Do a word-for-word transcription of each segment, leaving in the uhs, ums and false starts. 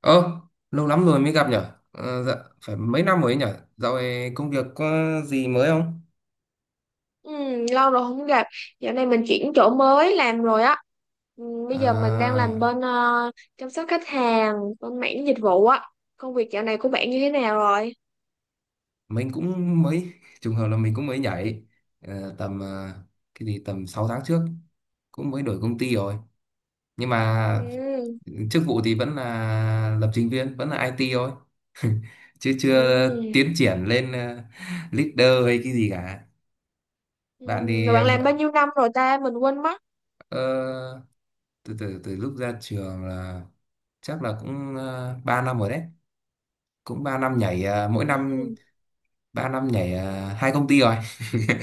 Ơ, lâu lắm rồi mới gặp nhở? Ờ, dạ, phải mấy năm rồi ấy nhở? Dạo này công việc có gì mới không? Ừ, lâu rồi không gặp. Dạo này mình chuyển chỗ mới làm rồi á. Ừ, bây giờ mình đang À, làm bên ờ, chăm sóc khách hàng, bên mảng dịch vụ á. Công việc dạo này của bạn như thế nào rồi? mình cũng mới, trùng hợp là mình cũng mới nhảy. Ờ, tầm, ờ, cái gì, tầm sáu tháng trước. Cũng mới đổi công ty rồi. Nhưng mà Ừ, chức vụ thì vẫn là lập trình viên, vẫn là ai ti thôi. Chứ chưa ừ, tiến triển lên ờ, leader hay cái gì cả. Bạn ừ. thì, Rồi bạn ờ, làm bao vợ- nhiêu năm rồi ta? Mình quên mất. ờ, từ từ từ lúc ra trường là chắc là cũng uh, ba năm rồi đấy, cũng ba năm nhảy à, mỗi năm Ừ. ba năm nhảy à, hai công ty rồi.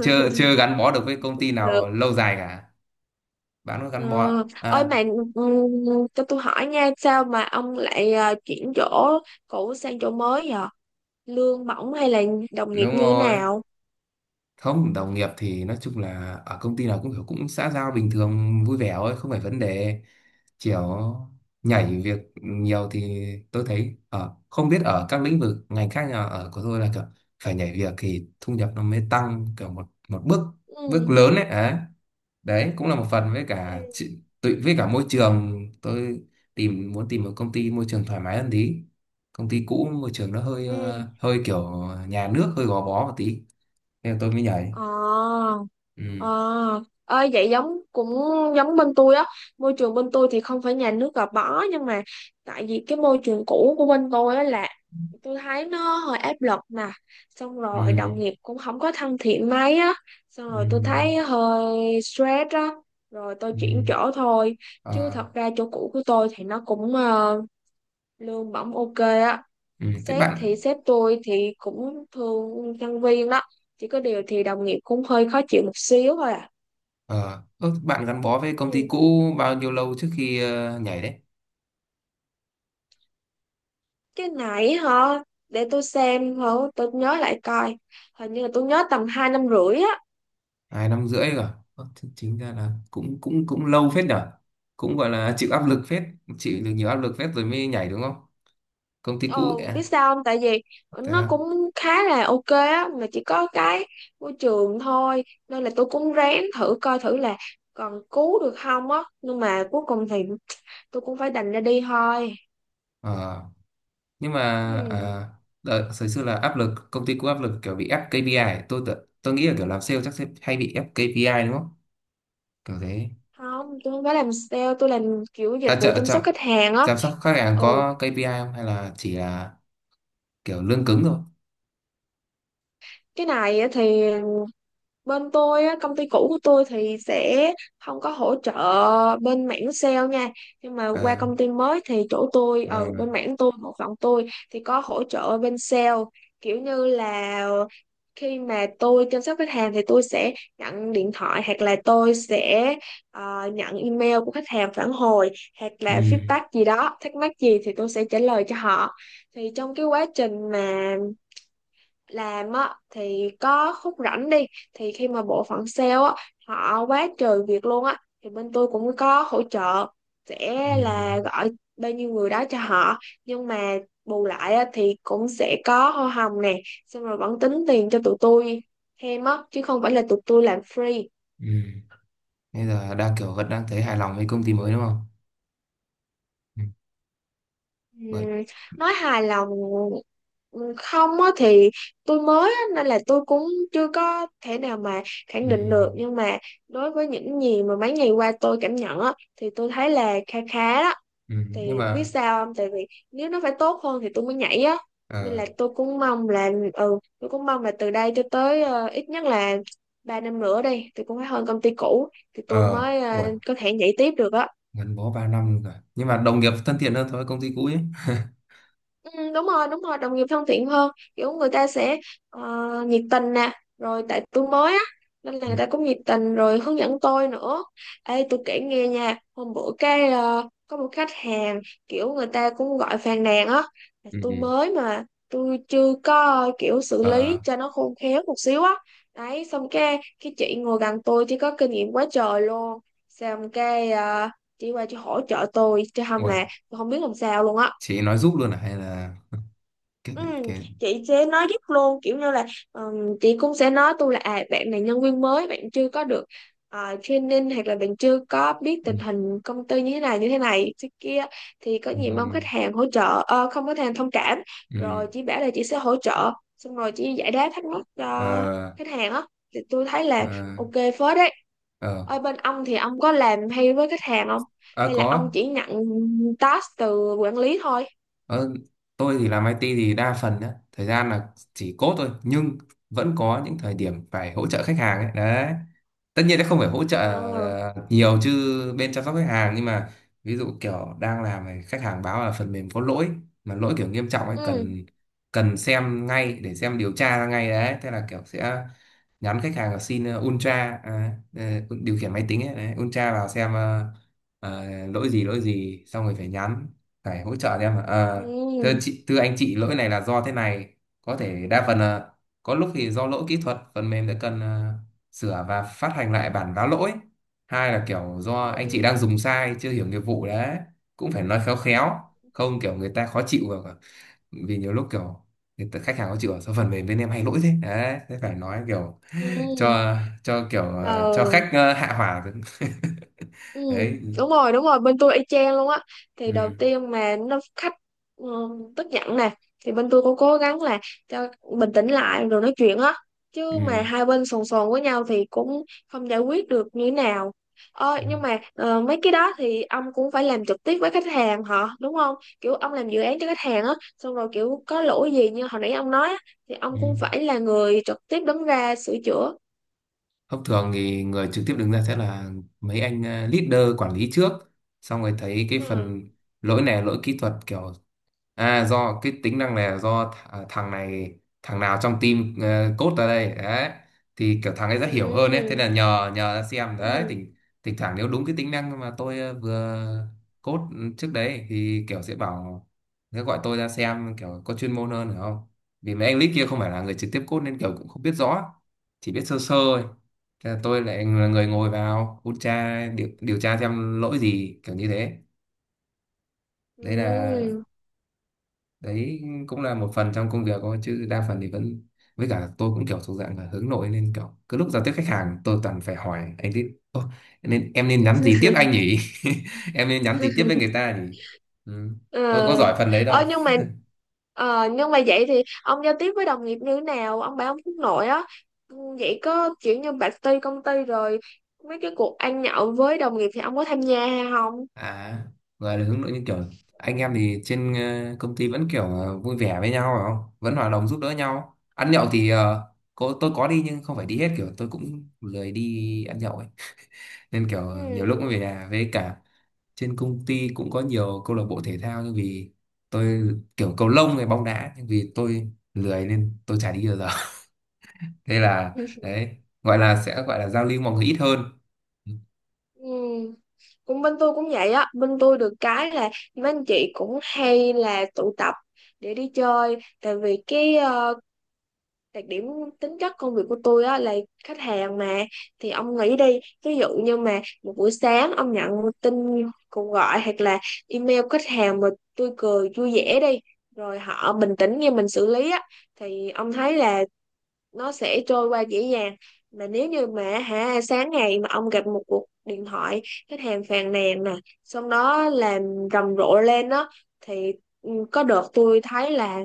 chưa chưa gắn bó được với công ty Cũng được. nào lâu dài cả. Bạn có Ờ, gắn bó ơi à? mà ừ, cho tôi hỏi nha, sao mà ông lại ờ, chuyển chỗ cũ sang chỗ mới vậy? Lương bổng hay là đồng nghiệp Đúng như thế rồi. nào? Không, đồng nghiệp thì nói chung là ở công ty nào cũng kiểu cũng xã giao bình thường vui vẻ thôi, không phải vấn đề. Kiểu nhảy việc nhiều thì tôi thấy ở, không biết ở các lĩnh vực ngành khác, nhưng ở của tôi là kiểu phải nhảy việc thì thu nhập nó mới tăng, kiểu một một bước bước Ừ. lớn ấy. Đấy. Đấy cũng là một phần với cả chị- tự với cả môi trường, tôi tìm muốn tìm một công ty môi trường thoải mái hơn tí. Công ty cũ môi trường nó hơi Ừ. ờ, hơi kiểu nhà nước, hơi gò bó một tí nên tôi mới nhảy. Ờ, Ừ. ờ, ơi vậy giống cũng giống bên tôi á. Môi trường bên tôi thì không phải nhà nước gò bó, nhưng mà tại vì cái môi trường cũ của bên tôi á là tôi thấy nó hơi áp lực nè, xong rồi Ừ. đồng nghiệp cũng không có thân thiện mấy á, xong Ừ. rồi tôi thấy hơi stress á, rồi tôi Ừ. chuyển chỗ thôi. Chứ Ờ, thật ra chỗ cũ của tôi thì nó cũng ờ, lương bổng ok á, ừ, thế sếp bạn, thì sếp tôi thì cũng thương nhân viên đó, chỉ có điều thì đồng nghiệp cũng hơi khó chịu một xíu thôi à. ờ ơ, bạn gắn bó với công ty Ừ. cũ bao nhiêu lâu trước khi ờ, nhảy đấy? Cái nãy hả, để tôi xem hả, tôi nhớ lại coi, hình như là tôi nhớ tầm hai năm rưỡi á. Hai năm rưỡi rồi. Ơ, thế chính ra là cũng cũng cũng lâu phết nhở, cũng gọi là chịu áp lực phết, chịu được nhiều áp lực phết rồi mới nhảy đúng không? Công ty cũ Ồ biết à? sao không, tại vì Thế nó đó, cũng khá là ok á, mà chỉ có cái môi trường thôi, nên là tôi cũng ráng thử coi thử là còn cứu được không á, nhưng mà cuối cùng thì tôi cũng phải đành ra đi thôi. ờ. nhưng mà Ừ. à, đợt thời xưa là áp lực, công ty cũng áp lực kiểu bị ép kây pi ai. Tôi tự- tôi nghĩ là kiểu làm sale chắc sẽ hay bị ép kây pi ai đúng không, kiểu thế? Không, tôi không phải làm sale, tôi làm kiểu dịch À, vụ chợ chăm chậm, sóc khách hàng á. chăm sóc khách hàng Ừ, có ca pê i không hay là chỉ là kiểu lương cứng thôi? cái này á thì bên tôi á, công ty cũ của tôi thì sẽ không có hỗ trợ bên mảng sale nha, nhưng mà Ờ, qua công ty mới thì chỗ tôi ờ. ở bên mảng tôi bộ phận tôi thì có hỗ trợ bên sale. Kiểu như là khi mà tôi chăm sóc khách hàng thì tôi sẽ nhận điện thoại, hoặc là tôi sẽ ờ, nhận email của khách hàng phản hồi, hoặc Ừ, là feedback gì đó, thắc mắc gì thì tôi sẽ trả lời cho họ. Thì trong cái quá trình mà làm á thì có khúc rảnh đi, thì khi mà bộ phận sale á họ quá trời việc luôn á, thì bên tôi cũng có hỗ trợ, sẽ là ừ, gọi bao nhiêu người đó cho họ. Nhưng mà bù lại á, thì cũng sẽ có hoa hồng nè, xong rồi vẫn tính tiền cho tụi tôi thêm á, chứ không phải là tụi tôi làm free. ừ. Bây giờ đang kiểu vẫn đang thấy hài lòng với công ty mới đúng không? Ừ. Bởi Ừm, nói hài lòng, ừm, không á thì tôi mới á, nên là tôi cũng chưa có thể nào mà ừ. khẳng định được, nhưng mà đối với những gì mà mấy ngày qua tôi cảm nhận á thì tôi thấy là kha khá đó. Ừ. Nhưng Thì biết mà sao không, tại vì nếu nó phải tốt hơn thì tôi mới nhảy á, nên ờ là tôi cũng mong là ừ tôi cũng mong là từ đây cho tới ờ, ít nhất là ba năm nữa đi, tôi cũng phải hơn công ty cũ thì tôi ờ mới ờ, uầy, có thể nhảy tiếp được á. gắn bó ba năm rồi nhưng mà đồng nghiệp thân thiện hơn so với công ty cũ ấy. Ừ, đúng rồi đúng rồi, đồng nghiệp thân thiện hơn, kiểu người ta sẽ ờ, nhiệt tình nè, rồi tại tôi mới á nên là người ta cũng nhiệt tình rồi hướng dẫn tôi nữa. Ê tôi kể nghe nha, hôm bữa cái ờ, có một khách hàng kiểu người ta cũng gọi phàn nàn á, là Ừ. Ừ. tôi mới mà tôi chưa có kiểu xử Ờ, lý cho nó khôn khéo một xíu á. Đấy xong cái cái chị ngồi gần tôi thì có kinh nghiệm quá trời luôn, xong cái ờ, chị qua chị hỗ trợ tôi chứ không uầy, là tôi không biết làm sao luôn á. chị nói giúp luôn à hay là cái Ừ, cái chị sẽ nói giúp luôn, kiểu như là ừm, chị cũng sẽ nói tôi là à bạn này nhân viên mới, bạn chưa có được ờ, training, hoặc là bạn chưa có biết ừ. tình hình công ty như thế này như thế này thế kia, thì có gì mong Ừ. khách hàng hỗ trợ ờ, không có khách hàng thông cảm. Rồi Ừ. chị bảo là chị sẽ hỗ trợ, xong rồi chị giải đáp thắc mắc cho Ờ, khách hàng á. Thì tôi thấy là ờ, ok phết đấy. ờ. Ở bên ông thì ông có làm hay với khách hàng không, Ờ, hay là có. ông chỉ nhận task từ quản lý thôi? ờ, tôi thì làm i tê thì đa phần á thời gian là chỉ code thôi, nhưng vẫn có những thời điểm phải hỗ trợ khách hàng ấy đấy. Tất nhiên nó không phải hỗ trợ Ờ. ờ, nhiều chứ bên chăm sóc khách hàng, nhưng mà ví dụ kiểu đang làm này, khách hàng báo là phần mềm có lỗi mà lỗi kiểu nghiêm trọng ấy, ừ cần cần xem ngay để xem điều tra ra ngay đấy. Thế là kiểu sẽ nhắn khách hàng là xin ờ, ultra, à, ờ, điều khiển máy tính ấy, đấy, ultra vào xem, ờ, ờ, lỗi gì lỗi gì, xong rồi phải nhắn, phải hỗ trợ em là, ờ thưa ừ chị, thưa anh chị, lỗi này là do thế này, có thể đa phần là có lúc thì do lỗi kỹ thuật phần mềm đã cần ờ, sửa và phát hành lại bản vá lỗi, hai là kiểu do anh chị ừ đang dùng sai chưa hiểu nghiệp vụ đấy, cũng phải nói khéo khéo, không kiểu người ta khó chịu. Và vì nhiều lúc kiểu người ta, khách hàng khó chịu "Ở sao phần mềm bên em hay lỗi thế", đấy, thế phải nói kiểu ừ cho cho kiểu ờ, cho ờ khách ờ, hạ hỏa. ừ Đấy. Đúng rồi đúng rồi, bên tôi y chang luôn á. Ừ. Thì đầu Ừ. tiên mà nó khách ừ, tức giận nè, thì bên tôi cũng cố gắng là cho bình tĩnh lại rồi nói chuyện á, chứ Ừ. mà hai bên sồn sồn với nhau thì cũng không giải quyết được như thế nào. Ờ nhưng mà ờ, mấy cái đó thì ông cũng phải làm trực tiếp với khách hàng họ đúng không? Kiểu ông làm dự án cho khách hàng á, xong rồi kiểu có lỗi gì như hồi nãy ông nói á, thì ông Ừ. cũng phải là người trực tiếp đứng ra sửa chữa. Thông thường thì người trực tiếp đứng ra sẽ là mấy anh ờ, leader quản lý trước, xong rồi thấy cái ừ phần lỗi này là lỗi kỹ thuật, kiểu à do cái tính năng này là do th à, thằng này thằng nào trong team uh, code ra đây đấy, thì kiểu thằng ấy sẽ hiểu hơn ấy, thế ừ là nhờ nhờ ra xem đấy, ừ thỉnh thỉnh thoảng nếu đúng cái tính năng mà tôi ờ, vừa code trước đấy thì kiểu sẽ bảo, sẽ gọi tôi ra xem, kiểu có chuyên môn hơn, hiểu không? Vì mấy anh lead kia không phải là người trực tiếp code nên kiểu cũng không biết rõ, chỉ biết sơ sơ thôi. Thế là tôi lại là người ngồi vào hút tra điều, điều tra xem lỗi gì kiểu như thế. Đấy là ừ đấy cũng là một phần trong công việc thôi, chứ đa phần thì vẫn, với cả tôi cũng kiểu thuộc dạng là hướng nội, nên kiểu cứ lúc giao tiếp khách hàng tôi toàn phải hỏi anh tiếp "Ô, nên em nên nhắn gì tiếp anh nhỉ? Em nên nhắn gì tiếp với người ta nhỉ?" Ừ. ờ Tôi có giỏi phần đấy đâu. ờ nhưng mà ờ nhưng mà vậy thì ông giao tiếp với đồng nghiệp như thế nào, ông bảo ông hướng nội á? Ừ, vậy có kiểu như bạch ti công ty rồi, mấy cái cuộc ăn nhậu với đồng nghiệp thì ông có tham gia hay không? À, gọi là hướng nội như kiểu anh em thì trên ờ, công ty vẫn kiểu ờ, vui vẻ với nhau phải không, vẫn hòa đồng giúp đỡ nhau. Ăn nhậu thì ờ, có, tôi có đi nhưng không phải đi hết, kiểu tôi cũng lười đi ăn nhậu ấy, nên kiểu nhiều lúc cũng ừ về nhà. Với cả trên công ty cũng có nhiều câu lạc bộ thể thao, nhưng vì tôi kiểu cầu lông hay bóng đá, nhưng vì tôi lười nên tôi chả đi bao giờ. Thế là ừ đấy, gọi là sẽ gọi là giao lưu mọi người ít hơn. ừ. Cũng bên tôi cũng vậy á, bên tôi được cái là mấy anh chị cũng hay là tụ tập để đi chơi. Tại vì cái ờ, đặc điểm tính chất công việc của tôi á là khách hàng mà, thì ông nghĩ đi, ví dụ như mà một buổi sáng ông nhận tin cuộc gọi hoặc là email khách hàng, mà tôi cười vui vẻ đi, rồi họ bình tĩnh như mình xử lý á, thì ông thấy là nó sẽ trôi qua dễ dàng. Mà nếu như mà hả sáng ngày mà ông gặp một cuộc điện thoại khách hàng phàn nàn nè, xong đó làm rầm rộ lên đó, thì ừ, có đợt tôi thấy là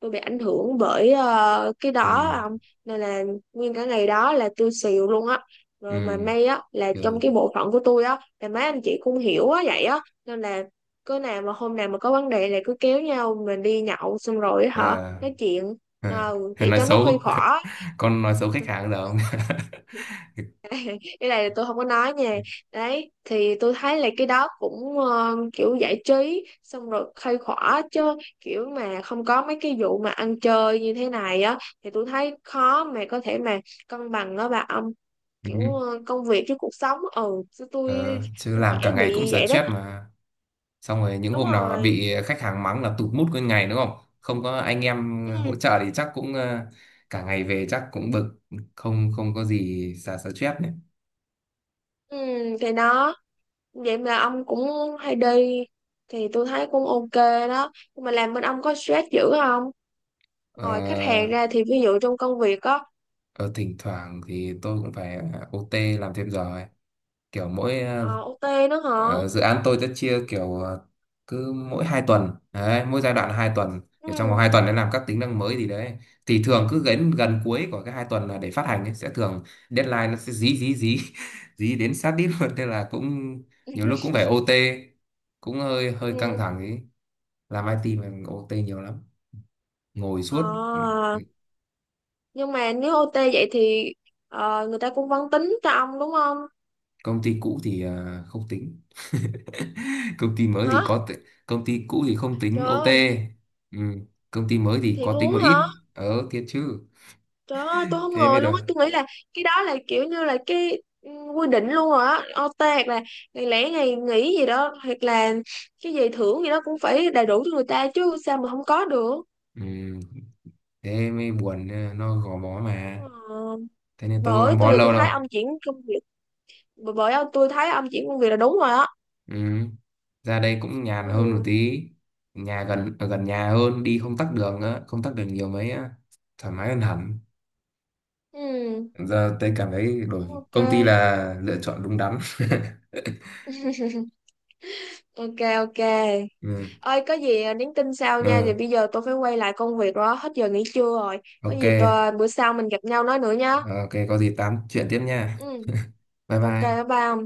tôi bị ảnh hưởng bởi ờ, cái đó Ừ. ông, nên là nguyên cả ngày đó là tôi xìu luôn á. Ừ. Rồi mà may á là Kiểu, trong cái bộ phận của tôi á là mấy anh chị cũng hiểu á vậy á, nên là cứ nào mà hôm nào mà có vấn đề là cứ kéo nhau mình đi nhậu, xong rồi á hả ờ, nói chuyện nào Ờ, vậy nói cho nó khuây xấu. khỏa. Con nói xấu khách hàng giờ không? Cái này là tôi không có nói nha. Đấy thì tôi thấy là cái đó cũng ờ, kiểu giải trí xong rồi khai khỏa chứ, kiểu mà không có mấy cái vụ mà ăn chơi như thế này á thì tôi thấy khó mà có thể mà cân bằng đó bà ông. Ừ. Kiểu ờ, công việc với cuộc sống, ừ chứ tôi Ờ, chứ tôi làm dễ cả ngày cũng bị vậy stress đó. mà, xong rồi những Đúng hôm nào rồi, bị khách hàng mắng là tụt mood nguyên ngày đúng không, không có anh em ừ. hỗ trợ thì chắc cũng ờ, cả ngày về chắc cũng bực, không không có gì xả stress nữa. ừ thì đó, vậy mà ông cũng hay đi thì tôi thấy cũng ok đó. Nhưng mà làm bên ông có stress dữ không, ờ, ngoài khách hàng ra thì ví dụ trong công việc á? ờ, Thỉnh thoảng thì tôi cũng phải o tê làm thêm giờ ấy. Kiểu mỗi ờ, Ờ, ô tê nữa hả? Ờ, dự án tôi sẽ chia kiểu ờ, cứ mỗi hai tuần đấy, mỗi giai đoạn là hai tuần, để trong vòng Ừ. hai tuần để làm các tính năng mới gì đấy, thì thường cứ gần gần cuối của cái hai tuần là để phát hành ấy, sẽ thường deadline nó sẽ dí dí dí dí đến sát đít luôn, nên là cũng nhiều lúc cũng phải o tê, cũng hơi hơi căng Ừ. thẳng ấy. Làm i tê mà o tê nhiều lắm, ngồi suốt. Ờ, Ừ, nhưng mà nếu ô tê vậy thì ờ, người ta cũng vẫn tính cho ông đúng không? công ty cũ thì à, không tính. Công ty mới Hả? thì có t... Công ty cũ thì không tính Trời ơi, o tê. Ừ. Công ty mới thì thiệt có tính luôn một á ít, hả? ờ thiệt chứ. Trời ơi, tôi không Thế mới ngờ được. luôn á. Tôi nghĩ là cái đó là kiểu như là cái ừ, quy định luôn rồi á. ô tê hoặc là ngày lẻ ngày nghỉ gì đó, hoặc là cái gì thưởng gì đó cũng phải đầy đủ cho người ta chứ, sao mà không có được. Ừ. Thế mới buồn, ờ, nó gò bó mà, Ờ, thế nên tôi có bởi gắn bó tôi giờ tôi lâu đâu. thấy ông chuyển công việc bởi bởi tôi thấy ông chuyển công việc là đúng rồi á. Ừ. Ra đây cũng nhàn hơn một Ừ. tí, nhà gần, ở gần nhà hơn, đi không tắc đường á, không tắc đường nhiều mấy á, thoải mái hơn hẳn. Ừ. Giờ tôi cảm thấy Cũng đổi ok. công ty là lựa chọn đúng đắn. Ok ok. Ừ. Ơi có gì à, nhắn tin sau nha, Ừ. thì bây giờ tôi phải quay lại công việc rồi, hết giờ nghỉ trưa rồi. Có Ok. gì tôi, bữa sau mình gặp nhau nói nữa nhá. Ờ, ok, có gì tám chuyện tiếp nha. Ừ, Bye ok bye. bye bye ông.